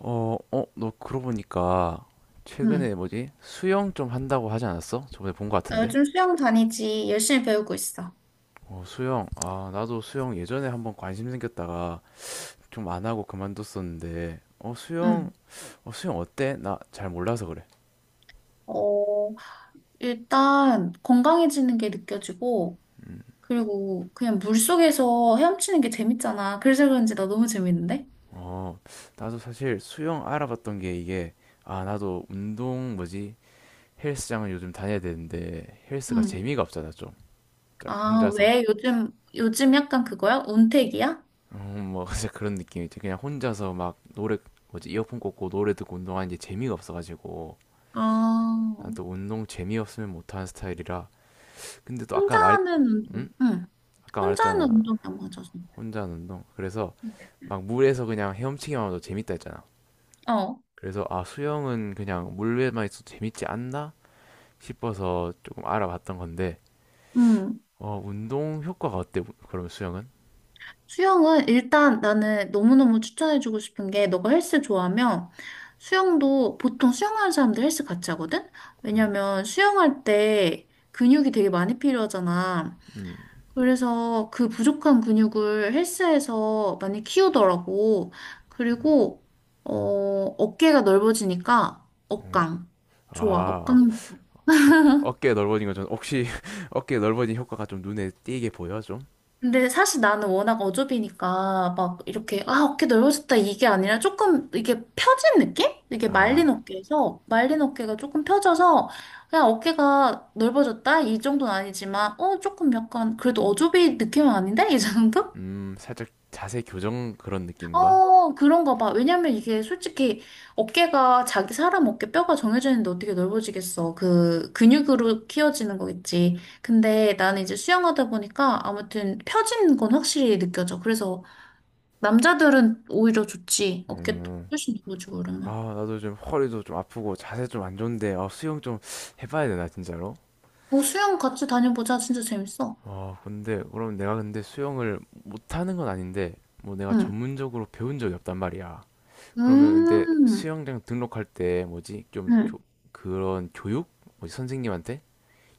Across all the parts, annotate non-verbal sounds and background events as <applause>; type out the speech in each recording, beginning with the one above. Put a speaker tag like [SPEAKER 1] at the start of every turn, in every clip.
[SPEAKER 1] 너 그러고 보니까
[SPEAKER 2] 응.
[SPEAKER 1] 최근에 뭐지? 수영 좀 한다고 하지 않았어? 저번에 본 거
[SPEAKER 2] 나
[SPEAKER 1] 같은데?
[SPEAKER 2] 요즘 수영 다니지. 열심히 배우고 있어.
[SPEAKER 1] 어, 수영. 아, 나도 수영 예전에 한번 관심 생겼다가 좀 안 하고 그만뒀었는데,
[SPEAKER 2] 응.
[SPEAKER 1] 수영 어때? 나 잘 몰라서 그래.
[SPEAKER 2] 어, 일단 건강해지는 게 느껴지고, 그리고 그냥 물속에서 헤엄치는 게 재밌잖아. 그래서 그런지 나 너무 재밌는데?
[SPEAKER 1] 어, 나도 사실 수영 알아봤던 게 이게, 아, 나도 운동 뭐지? 헬스장을 요즘 다녀야 되는데, 헬스가
[SPEAKER 2] 응.
[SPEAKER 1] 재미가 없잖아, 좀.
[SPEAKER 2] 아,
[SPEAKER 1] 혼자서
[SPEAKER 2] 왜 요즘 약간 그거야? 운택이야?
[SPEAKER 1] 뭐 <laughs> 진짜 그런 느낌이지. 그냥 혼자서 막 노래 뭐지 이어폰 꽂고 노래 듣고 운동하는 게 재미가 없어가지고 난
[SPEAKER 2] 아,
[SPEAKER 1] 또 운동 재미없으면 못하는 스타일이라. 근데 또
[SPEAKER 2] 혼자 하는
[SPEAKER 1] 응?
[SPEAKER 2] 운동. 응.
[SPEAKER 1] 아까
[SPEAKER 2] 혼자 하는
[SPEAKER 1] 말했잖아.
[SPEAKER 2] 운동이 안 맞아서.
[SPEAKER 1] 혼자 하는 운동. 그래서
[SPEAKER 2] 응.
[SPEAKER 1] 막 물에서 그냥 헤엄치기만 해도 재밌다 했잖아.
[SPEAKER 2] 어.
[SPEAKER 1] 그래서 아, 수영은 그냥 물에만 있어도 재밌지 않나 싶어서 조금 알아봤던 건데
[SPEAKER 2] 응.
[SPEAKER 1] 어, 운동 효과가 어때? 그러면 수영은?
[SPEAKER 2] 수영은 일단 나는 너무너무 추천해주고 싶은 게 너가 헬스 좋아하면 수영도 보통 수영하는 사람들 헬스 같이 하거든? 왜냐면 수영할 때 근육이 되게 많이 필요하잖아. 그래서 그 부족한 근육을 헬스에서 많이 키우더라고. 그리고 어, 어깨가 넓어지니까 어깡. 좋아.
[SPEAKER 1] 아,
[SPEAKER 2] 어깡.
[SPEAKER 1] 어깨 넓어진 거좀 혹시 <laughs> 어깨 넓어진 효과가 좀 눈에 띄게 보여 좀?
[SPEAKER 2] 근데 사실 나는 워낙 어좁이니까 막 이렇게 아 어깨 넓어졌다 이게 아니라 조금 이게 펴진 느낌? 이게
[SPEAKER 1] 아,
[SPEAKER 2] 말린 어깨에서 말린 어깨가 조금 펴져서 그냥 어깨가 넓어졌다 이 정도는 아니지만 어 조금 약간 그래도 어좁이 느낌은 아닌데 이 정도?
[SPEAKER 1] 살짝 자세 교정 그런 느낌인가?
[SPEAKER 2] 어 그런가 봐. 왜냐면 이게 솔직히 어깨가 자기 사람 어깨 뼈가 정해져 있는데 어떻게 넓어지겠어. 그 근육으로 키워지는 거겠지. 근데 나는 이제 수영하다 보니까 아무튼 펴진 건 확실히 느껴져. 그래서 남자들은 오히려 좋지. 어깨
[SPEAKER 1] 음,
[SPEAKER 2] 훨씬 좋아지고
[SPEAKER 1] 아,
[SPEAKER 2] 그러면.
[SPEAKER 1] 나도 좀 허리도 좀 아프고 자세 좀 안 좋은데, 아, 수영 좀 해봐야 되나, 진짜로?
[SPEAKER 2] 어, 수영 같이 다녀보자. 진짜 재밌어.
[SPEAKER 1] 아, 근데, 그럼 내가 근데 수영을 못하는 건 아닌데, 뭐 내가
[SPEAKER 2] 응.
[SPEAKER 1] 전문적으로 배운 적이 없단 말이야. 그러면 근데
[SPEAKER 2] 음,
[SPEAKER 1] 수영장 등록할 때 뭐지?
[SPEAKER 2] 응.
[SPEAKER 1] 그런 교육? 뭐지? 선생님한테?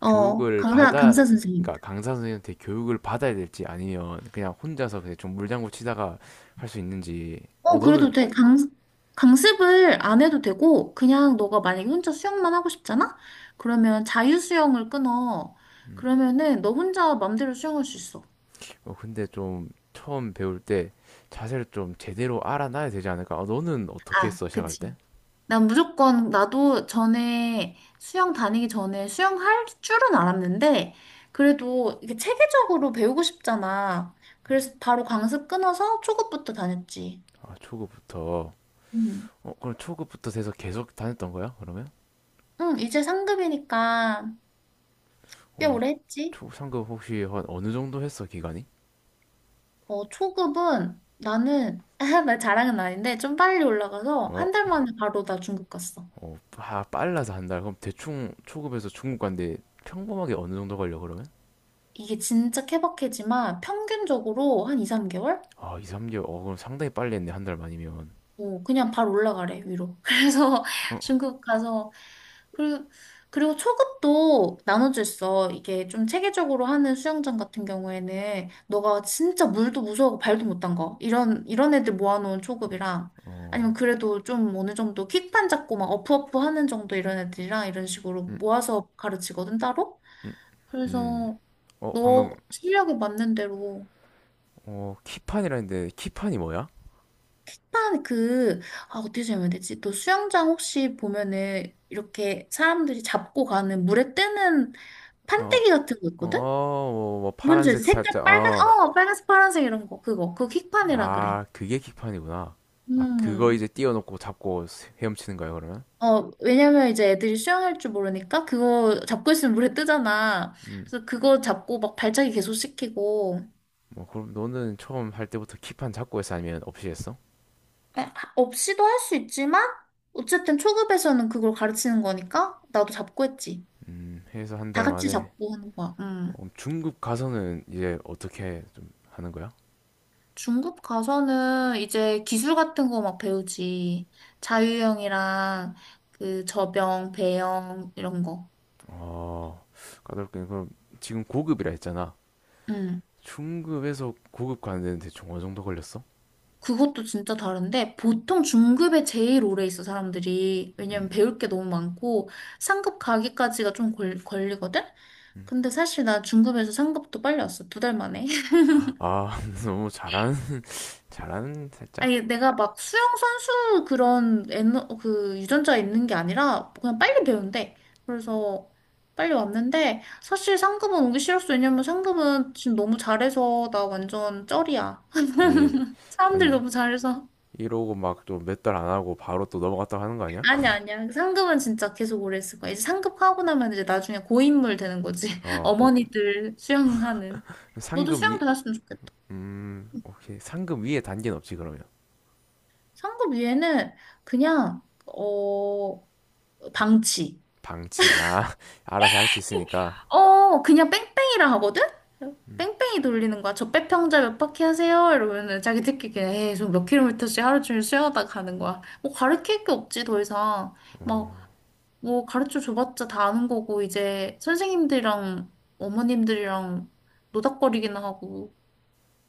[SPEAKER 2] 어,
[SPEAKER 1] 교육을
[SPEAKER 2] 강사,
[SPEAKER 1] 받아,
[SPEAKER 2] 강사 선생님.
[SPEAKER 1] 그러니까 강사 선생님한테 교육을 받아야 될지 아니면 그냥 혼자서 그냥 좀 물장구 치다가 할 수 있는지. 어,
[SPEAKER 2] 어,
[SPEAKER 1] 너는
[SPEAKER 2] 그래도 돼. 강습을 안 해도 되고, 그냥 너가 만약에 혼자 수영만 하고 싶잖아? 그러면 자유수영을 끊어. 그러면은 너 혼자 맘대로 수영할 수 있어.
[SPEAKER 1] 근데 좀 처음 배울 때 자세를 좀 제대로 알아놔야 되지 않을까? 아, 너는 어떻게
[SPEAKER 2] 아,
[SPEAKER 1] 했어, 시작할 때?
[SPEAKER 2] 그치. 난 무조건 나도 전에 수영 다니기 전에 수영할 줄은 알았는데 그래도 이게 체계적으로 배우고 싶잖아. 그래서 바로 강습 끊어서 초급부터 다녔지.
[SPEAKER 1] 아, 초급부터.
[SPEAKER 2] 응.
[SPEAKER 1] 어, 그럼 초급부터 돼서 계속 다녔던 거야, 그러면?
[SPEAKER 2] 응, 이제 상급이니까 꽤
[SPEAKER 1] 어,
[SPEAKER 2] 오래 했지.
[SPEAKER 1] 상급 혹시 한 어느 정도 했어, 기간이?
[SPEAKER 2] 초급은 나는 <laughs> 나 자랑은 아닌데 좀 빨리 올라가서
[SPEAKER 1] 어,
[SPEAKER 2] 한 달 만에 바로 나 중급 갔어.
[SPEAKER 1] 아, 빨라서 한 달. 그럼 대충 초급에서 중급 간데 평범하게 어느 정도 걸려, 그러면?
[SPEAKER 2] 이게 진짜 케바케지만 평균적으로 한 2, 3개월?
[SPEAKER 1] 아, 2, 3개월. 어, 그럼 상당히 빨리 했네, 한 달만이면.
[SPEAKER 2] 어, 그냥 바로 올라가래, 위로. <laughs> 그래서
[SPEAKER 1] 어,
[SPEAKER 2] 중국 가서, 그리고, 그리고 초급도 나눠져 있어. 이게 좀 체계적으로 하는 수영장 같은 경우에는, 너가 진짜 물도 무서워하고 발도 못 담가. 이런 애들 모아놓은 초급이랑, 아니면
[SPEAKER 1] 어,
[SPEAKER 2] 그래도 좀 어느 정도 킥판 잡고 막 어프어프 하는 정도 이런 애들이랑 이런 식으로
[SPEAKER 1] 음,
[SPEAKER 2] 모아서 가르치거든, 따로.
[SPEAKER 1] 음, 음.
[SPEAKER 2] 그래서
[SPEAKER 1] 어,
[SPEAKER 2] 너
[SPEAKER 1] 방금,
[SPEAKER 2] 실력에 맞는 대로
[SPEAKER 1] 키판이라 했는데, 키판이 뭐야?
[SPEAKER 2] 일단 그, 아, 어떻게 설명해야 되지? 또 수영장 혹시 보면은 이렇게 사람들이 잡고 가는 물에 뜨는
[SPEAKER 1] 어,
[SPEAKER 2] 판때기 같은 거 있거든? 어,
[SPEAKER 1] 어, 뭐
[SPEAKER 2] 뭔지 알지?
[SPEAKER 1] 파란색
[SPEAKER 2] 색깔
[SPEAKER 1] 살짝,
[SPEAKER 2] 빨간,
[SPEAKER 1] 어.
[SPEAKER 2] 빨간색, 파란색 이런 거. 그거. 그거 킥판이라 그래.
[SPEAKER 1] 아, 그게 킥판이구나. 아, 그거
[SPEAKER 2] 음.
[SPEAKER 1] 이제 띄워놓고 잡고 헤엄치는 거야, 그러면?
[SPEAKER 2] 왜냐면 이제 애들이 수영할 줄 모르니까 그거 잡고 있으면 물에 뜨잖아.
[SPEAKER 1] 음.
[SPEAKER 2] 그래서 그거 잡고 막 발차기 계속 시키고.
[SPEAKER 1] 뭐, 그럼 너는 처음 할 때부터 킥판 잡고 했어? 아니면 없이 했어?
[SPEAKER 2] 에, 없이도 할 수 있지만, 어쨌든 초급에서는 그걸 가르치는 거니까 나도 잡고 했지.
[SPEAKER 1] 해서 한
[SPEAKER 2] 다
[SPEAKER 1] 달
[SPEAKER 2] 같이
[SPEAKER 1] 만에.
[SPEAKER 2] 잡고 하는 거야. 음.
[SPEAKER 1] 어, 중급 가서는 이제 어떻게 좀 하는 거야?
[SPEAKER 2] 중급 가서는 이제 기술 같은 거 막 배우지. 자유형이랑 그 배영 이런 거.
[SPEAKER 1] 어, 까다롭게. 그럼 지금 고급이라 했잖아.
[SPEAKER 2] 응.
[SPEAKER 1] 중급에서 고급 가는데 대충 어느 정도 걸렸어?
[SPEAKER 2] 그것도 진짜 다른데 보통 중급에 제일 오래 있어 사람들이.
[SPEAKER 1] 음,
[SPEAKER 2] 왜냐면 배울 게 너무 많고 상급 가기까지가 좀 걸리거든?
[SPEAKER 1] 음.
[SPEAKER 2] 근데 사실 나 중급에서 상급도 빨리 왔어. 두 달 만에.
[SPEAKER 1] 아, <laughs> 너무 잘하는, <laughs> 잘하는 살짝?
[SPEAKER 2] 아니, 내가 막 수영 선수 그런 그 유전자 있는 게 아니라 그냥 빨리 배운대. 그래서 빨리 왔는데 사실 상급은 오기 싫었어. 왜냐면 상급은 지금 너무 잘해서 나 완전 쩔이야.
[SPEAKER 1] 아니,
[SPEAKER 2] <laughs> 사람들
[SPEAKER 1] 아니,
[SPEAKER 2] 너무 잘해서.
[SPEAKER 1] 이러고 막 또 몇 달 안 하고 바로 또 넘어갔다고 하는 거 아니야?
[SPEAKER 2] 아니야, 아니야. 상급은 진짜 계속 오래 있을 거야. 이제 상급하고 나면 이제 나중에 고인물 되는 거지. <laughs>
[SPEAKER 1] 어, 그럼
[SPEAKER 2] 어머니들 수영하는. 너도
[SPEAKER 1] 상금
[SPEAKER 2] 수영
[SPEAKER 1] 위,
[SPEAKER 2] 배웠으면 좋겠다.
[SPEAKER 1] 오케이. 상금 위에 단계는 없지, 그러면.
[SPEAKER 2] 상급 위에는 그냥, 어, 방치.
[SPEAKER 1] 방치, 아, <laughs> 알아서 할 수 있으니까.
[SPEAKER 2] 그냥 뺑뺑이라 하거든? 뺑뺑이 돌리는 거야. 저 빼평자 몇 바퀴 하세요? 이러면은 자기들끼리 그냥 에이, 저몇 킬로미터씩 하루 종일 수영하다 가는 거야. 뭐 가르칠 게 없지, 더 이상. 막, 뭐 가르쳐 줘봤자 다 아는 거고, 이제 선생님들이랑 어머님들이랑 노닥거리기나 하고,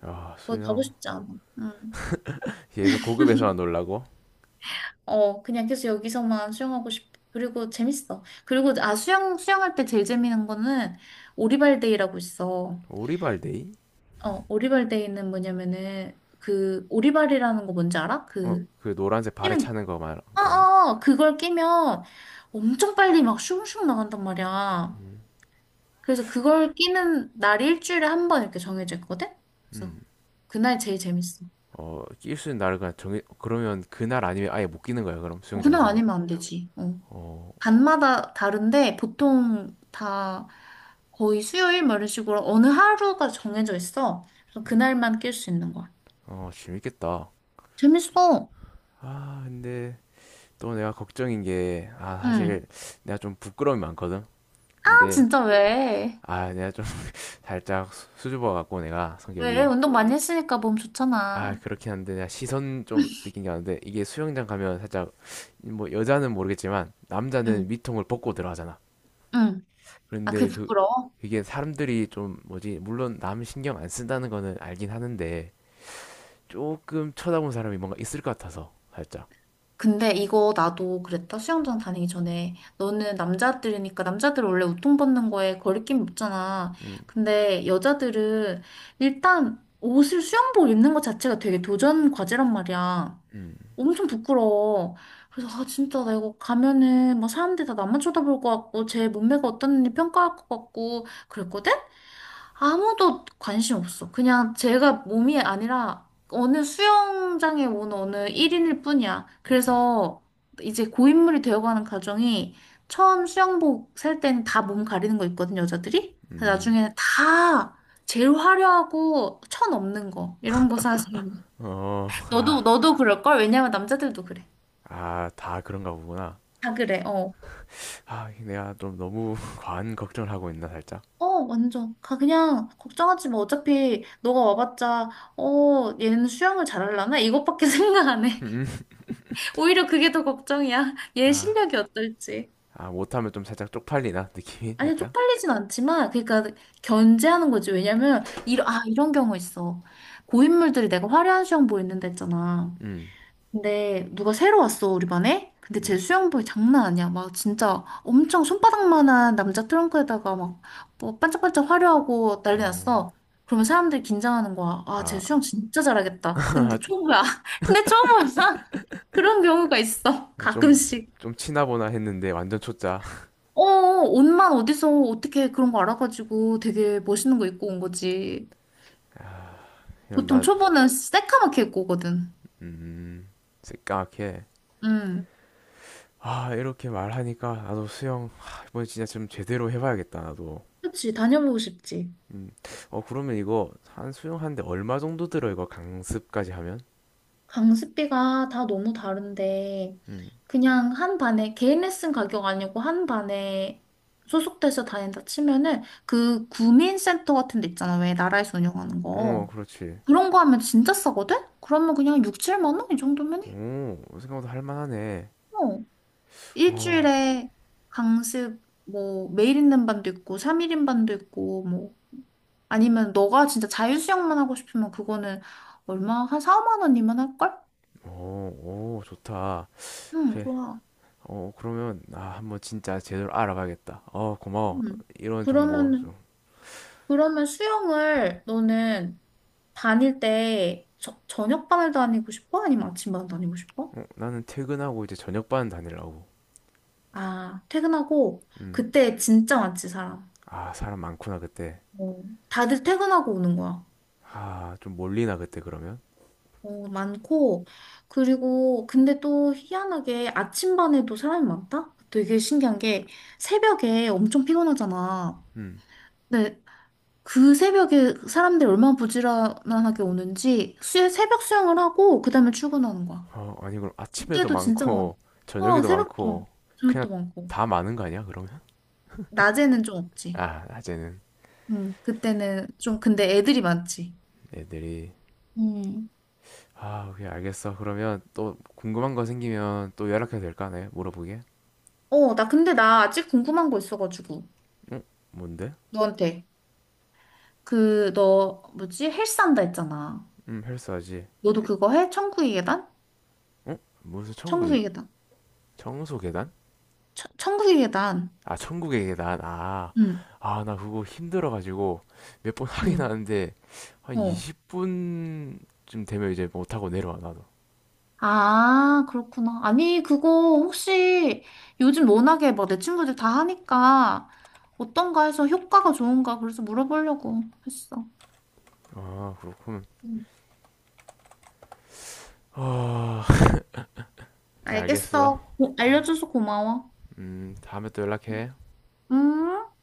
[SPEAKER 1] 아,
[SPEAKER 2] 거기 가고
[SPEAKER 1] 수영.
[SPEAKER 2] 싶지 않아. 응.
[SPEAKER 1] 계속 고급에서만 놀라고?
[SPEAKER 2] 어, 그냥 계속 여기서만 수영하고 싶어. 그리고 재밌어. 그리고, 아, 수영할 때 제일 재밌는 거는 오리발데이라고 있어.
[SPEAKER 1] 오리발데이?
[SPEAKER 2] 어, 오리발데이는 뭐냐면은 그 오리발이라는 거 뭔지 알아?
[SPEAKER 1] 어,
[SPEAKER 2] 그
[SPEAKER 1] 그 노란색 발에
[SPEAKER 2] 끼는
[SPEAKER 1] 차는 거 말한
[SPEAKER 2] 어,
[SPEAKER 1] 거 아니야?
[SPEAKER 2] 어, 어. 그걸 끼면 엄청 빨리 막 슝슝 나간단 말이야.
[SPEAKER 1] 음,
[SPEAKER 2] 그래서 그걸 끼는 날이 일주일에 한 번 이렇게 정해져 있거든? 그래서
[SPEAKER 1] 음.
[SPEAKER 2] 그날 제일 재밌어.
[SPEAKER 1] 어, 낄 수 있는 날을 그냥 정해, 그러면 그 날 아니면 아예 못 끼는 거야, 그럼
[SPEAKER 2] 어, 그날
[SPEAKER 1] 수영장에서 그럼.
[SPEAKER 2] 아니면 안 되지. 어.
[SPEAKER 1] 어,
[SPEAKER 2] 반마다 다른데 보통 다 거의 수요일 뭐 이런 식으로 어느 하루가 정해져 있어. 그래서 그날만 낄 수 있는 거야.
[SPEAKER 1] 재밌겠다.
[SPEAKER 2] 재밌어.
[SPEAKER 1] 아, 근데 또 내가 걱정인 게, 아,
[SPEAKER 2] 응.
[SPEAKER 1] 사실 내가 좀 부끄러움이 많거든.
[SPEAKER 2] 아,
[SPEAKER 1] 근데
[SPEAKER 2] 진짜 왜?
[SPEAKER 1] 아, 내가 좀 <laughs> 살짝 수줍어 갖고 내가
[SPEAKER 2] 왜?
[SPEAKER 1] 성격이,
[SPEAKER 2] 운동 많이 했으니까 몸
[SPEAKER 1] 아,
[SPEAKER 2] 좋잖아.
[SPEAKER 1] 그렇긴 한데 내가 시선 좀 느낀 게 많은데 이게 수영장 가면 살짝 뭐, 여자는 모르겠지만 남자는
[SPEAKER 2] 응,
[SPEAKER 1] 미통을 벗고 들어가잖아.
[SPEAKER 2] 응. 아,
[SPEAKER 1] 그런데
[SPEAKER 2] 그게
[SPEAKER 1] 그
[SPEAKER 2] 부끄러워?
[SPEAKER 1] 그게 사람들이 좀 뭐지, 물론 남 신경 안 쓴다는 거는 알긴 하는데 조금 쳐다본 사람이 뭔가 있을 것 같아서 살짝,
[SPEAKER 2] 근데 이거 나도 그랬다. 수영장 다니기 전에. 너는 남자들이니까, 남자들 원래 옷통 벗는 거에 거리낌 없잖아. 근데 여자들은 일단 옷을 수영복 입는 것 자체가 되게 도전 과제란 말이야. 엄청 부끄러워. 그래서, 아, 진짜 나 이거 가면은 막 사람들이 다 나만 쳐다볼 것 같고, 제 몸매가 어떤지 평가할 것 같고, 그랬거든? 아무도 관심 없어. 그냥 제가 몸이 아니라 어느 수영장에 온 어느 1인일 뿐이야. 그래서 이제 고인물이 되어가는 가정이 처음 수영복 살 때는 다 몸 가리는 거 있거든, 여자들이. 근데 나중에는 다 제일 화려하고 천 없는 거 이런 거 사서
[SPEAKER 1] 음, 음, 어,
[SPEAKER 2] 너도
[SPEAKER 1] 아, 아,
[SPEAKER 2] 너도 그럴걸? 왜냐면 남자들도 그래.
[SPEAKER 1] 다 그런가 보구나.
[SPEAKER 2] 다 그래. 어.
[SPEAKER 1] 아, 내가 좀 너무 <laughs> 과한 걱정을 하고 있나 살짝.
[SPEAKER 2] 어, 완전. 가, 그냥, 걱정하지 마. 어차피, 너가 와봤자, 얘는 수영을 잘하려나? 이것밖에 <laughs> 생각 안 해.
[SPEAKER 1] 음, 음.
[SPEAKER 2] 오히려 그게 더 걱정이야. <laughs> 얘 실력이
[SPEAKER 1] 아,
[SPEAKER 2] 어떨지.
[SPEAKER 1] 아, 못하면 좀 살짝 쪽팔리나 느낌이
[SPEAKER 2] 아니,
[SPEAKER 1] 살짝.
[SPEAKER 2] 쪽팔리진 않지만, 그러니까 견제하는 거지. 왜냐면, 이런, 아, 이런 경우 있어. 고인물들이 내가 화려한 수영복 입는데 했잖아.
[SPEAKER 1] 음,
[SPEAKER 2] 근데 누가 새로 왔어, 우리 반에? 근데
[SPEAKER 1] 음.
[SPEAKER 2] 쟤 수영복이 장난 아니야. 막 진짜 엄청 손바닥만한 남자 트렁크에다가 막 뭐 반짝반짝 화려하고 난리
[SPEAKER 1] 음.
[SPEAKER 2] 났어. 그러면 사람들이 긴장하는 거야. 아, 쟤
[SPEAKER 1] 아,
[SPEAKER 2] 수영 진짜 잘하겠다. 근데
[SPEAKER 1] <laughs>
[SPEAKER 2] 초보야. <laughs> 근데 초보야. <laughs> 그런 경우가 있어.
[SPEAKER 1] 좀,
[SPEAKER 2] 가끔씩.
[SPEAKER 1] 좀 치나보나 했는데 완전 초짜.
[SPEAKER 2] 어, 옷만 어디서 어떻게 그런 거 알아가지고 되게 멋있는 거 입고 온 거지.
[SPEAKER 1] 아, 그냥
[SPEAKER 2] 보통
[SPEAKER 1] 나,
[SPEAKER 2] 초보는 새까맣게 입고 오거든.
[SPEAKER 1] 음, 새까맣게.
[SPEAKER 2] 응.
[SPEAKER 1] 아, 이렇게 말하니까 나도 수영, 아, 이번에 진짜 좀 제대로 해봐야겠다, 나도.
[SPEAKER 2] 그치, 다녀보고 싶지.
[SPEAKER 1] 음, 어, 그러면 이거 한 수영하는데 얼마 정도 들어, 이거 강습까지 하면?
[SPEAKER 2] 강습비가 다 너무 다른데,
[SPEAKER 1] 음,
[SPEAKER 2] 그냥 한 반에, 개인 레슨 가격 아니고 한 반에 소속돼서 다닌다 치면은 그 구민센터 같은 데 있잖아. 왜 나라에서 운영하는
[SPEAKER 1] 어,
[SPEAKER 2] 거.
[SPEAKER 1] 그렇지.
[SPEAKER 2] 그런 거 하면 진짜 싸거든? 그러면 그냥 6, 7만 원? 이 정도면 해.
[SPEAKER 1] 오, 생각보다 할만하네. 오,
[SPEAKER 2] 일주일에 강습 뭐 매일 있는 반도 있고 3일인 반도 있고 뭐 아니면 너가 진짜 자유수영만 하고 싶으면 그거는 얼마 한 4, 5만 원이면 할걸?
[SPEAKER 1] 오, 오, 좋다.
[SPEAKER 2] 응,
[SPEAKER 1] 그게
[SPEAKER 2] 좋아.
[SPEAKER 1] 어, 그러면, 아, 한번 진짜 제대로 알아봐야겠다. 어, 고마워.
[SPEAKER 2] 응.
[SPEAKER 1] 이런
[SPEAKER 2] 그러
[SPEAKER 1] 정보
[SPEAKER 2] 면
[SPEAKER 1] 좀.
[SPEAKER 2] 그러면 수영을 너는 다닐 때 저녁반을 다니고 싶어? 아니면 아침반을 다니고 싶어?
[SPEAKER 1] 어, 나는 퇴근하고 이제 저녁반 다니려고.
[SPEAKER 2] 아, 퇴근하고
[SPEAKER 1] 음.
[SPEAKER 2] 그때 진짜 많지 사람.
[SPEAKER 1] 아, 사람 많구나, 그때.
[SPEAKER 2] 어, 다들 퇴근하고 오는 거야.
[SPEAKER 1] 아, 좀 몰리나, 그때, 그러면?
[SPEAKER 2] 어, 많고, 그리고, 근데 또 희한하게 아침반에도 사람이 많다? 되게 신기한 게, 새벽에 엄청 피곤하잖아.
[SPEAKER 1] 음.
[SPEAKER 2] 근데 그 새벽에 사람들이 얼마나 부지런하게 오는지, 새벽 수영을 하고, 그 다음에 출근하는 거야.
[SPEAKER 1] 어, 아니, 그럼 아침에도
[SPEAKER 2] 이때도 진짜 많아.
[SPEAKER 1] 많고, <laughs>
[SPEAKER 2] 어,
[SPEAKER 1] 저녁에도
[SPEAKER 2] 새벽도 많고,
[SPEAKER 1] 많고, 그냥
[SPEAKER 2] 저녁도 많고.
[SPEAKER 1] 다 많은 거 아니야, 그러면?
[SPEAKER 2] 낮에는 좀 없지.
[SPEAKER 1] 아, 낮에는
[SPEAKER 2] 응, 그때는 좀, 근데 애들이 많지.
[SPEAKER 1] 애들이.
[SPEAKER 2] 음.
[SPEAKER 1] 아, 오케이, 알겠어. 그러면 또 궁금한 거 생기면 또 연락해도 될까, 네? 물어보게?
[SPEAKER 2] 어, 나 근데 나 아직 궁금한 거 있어가지고,
[SPEAKER 1] 응? 뭔데?
[SPEAKER 2] 너한테. 그, 너, 뭐지? 헬스한다 했잖아.
[SPEAKER 1] 헬스하지.
[SPEAKER 2] 너도 그거 해? 천국의 계단?
[SPEAKER 1] 응?
[SPEAKER 2] 천국의 계단.
[SPEAKER 1] 청소 계단?
[SPEAKER 2] 천국의 계단.
[SPEAKER 1] 아, 천국의 계단. 아,
[SPEAKER 2] 응,
[SPEAKER 1] 아, 나 그거 힘들어가지고 몇 번 <laughs> 하긴
[SPEAKER 2] 응.
[SPEAKER 1] 하는데 한
[SPEAKER 2] 어.
[SPEAKER 1] 20분쯤 되면 이제 못하고 내려와, 나도.
[SPEAKER 2] 아, 그렇구나. 아니, 그거 혹시 요즘 워낙에 뭐 내 친구들 다 하니까 어떤가 해서 효과가 좋은가 그래서 물어보려고 했어.
[SPEAKER 1] 아, 그렇군.
[SPEAKER 2] 응.
[SPEAKER 1] 아, 오, 알겠어.
[SPEAKER 2] 알겠어. 알려줘서 고마워.
[SPEAKER 1] 다음에 또 연락해.
[SPEAKER 2] 음.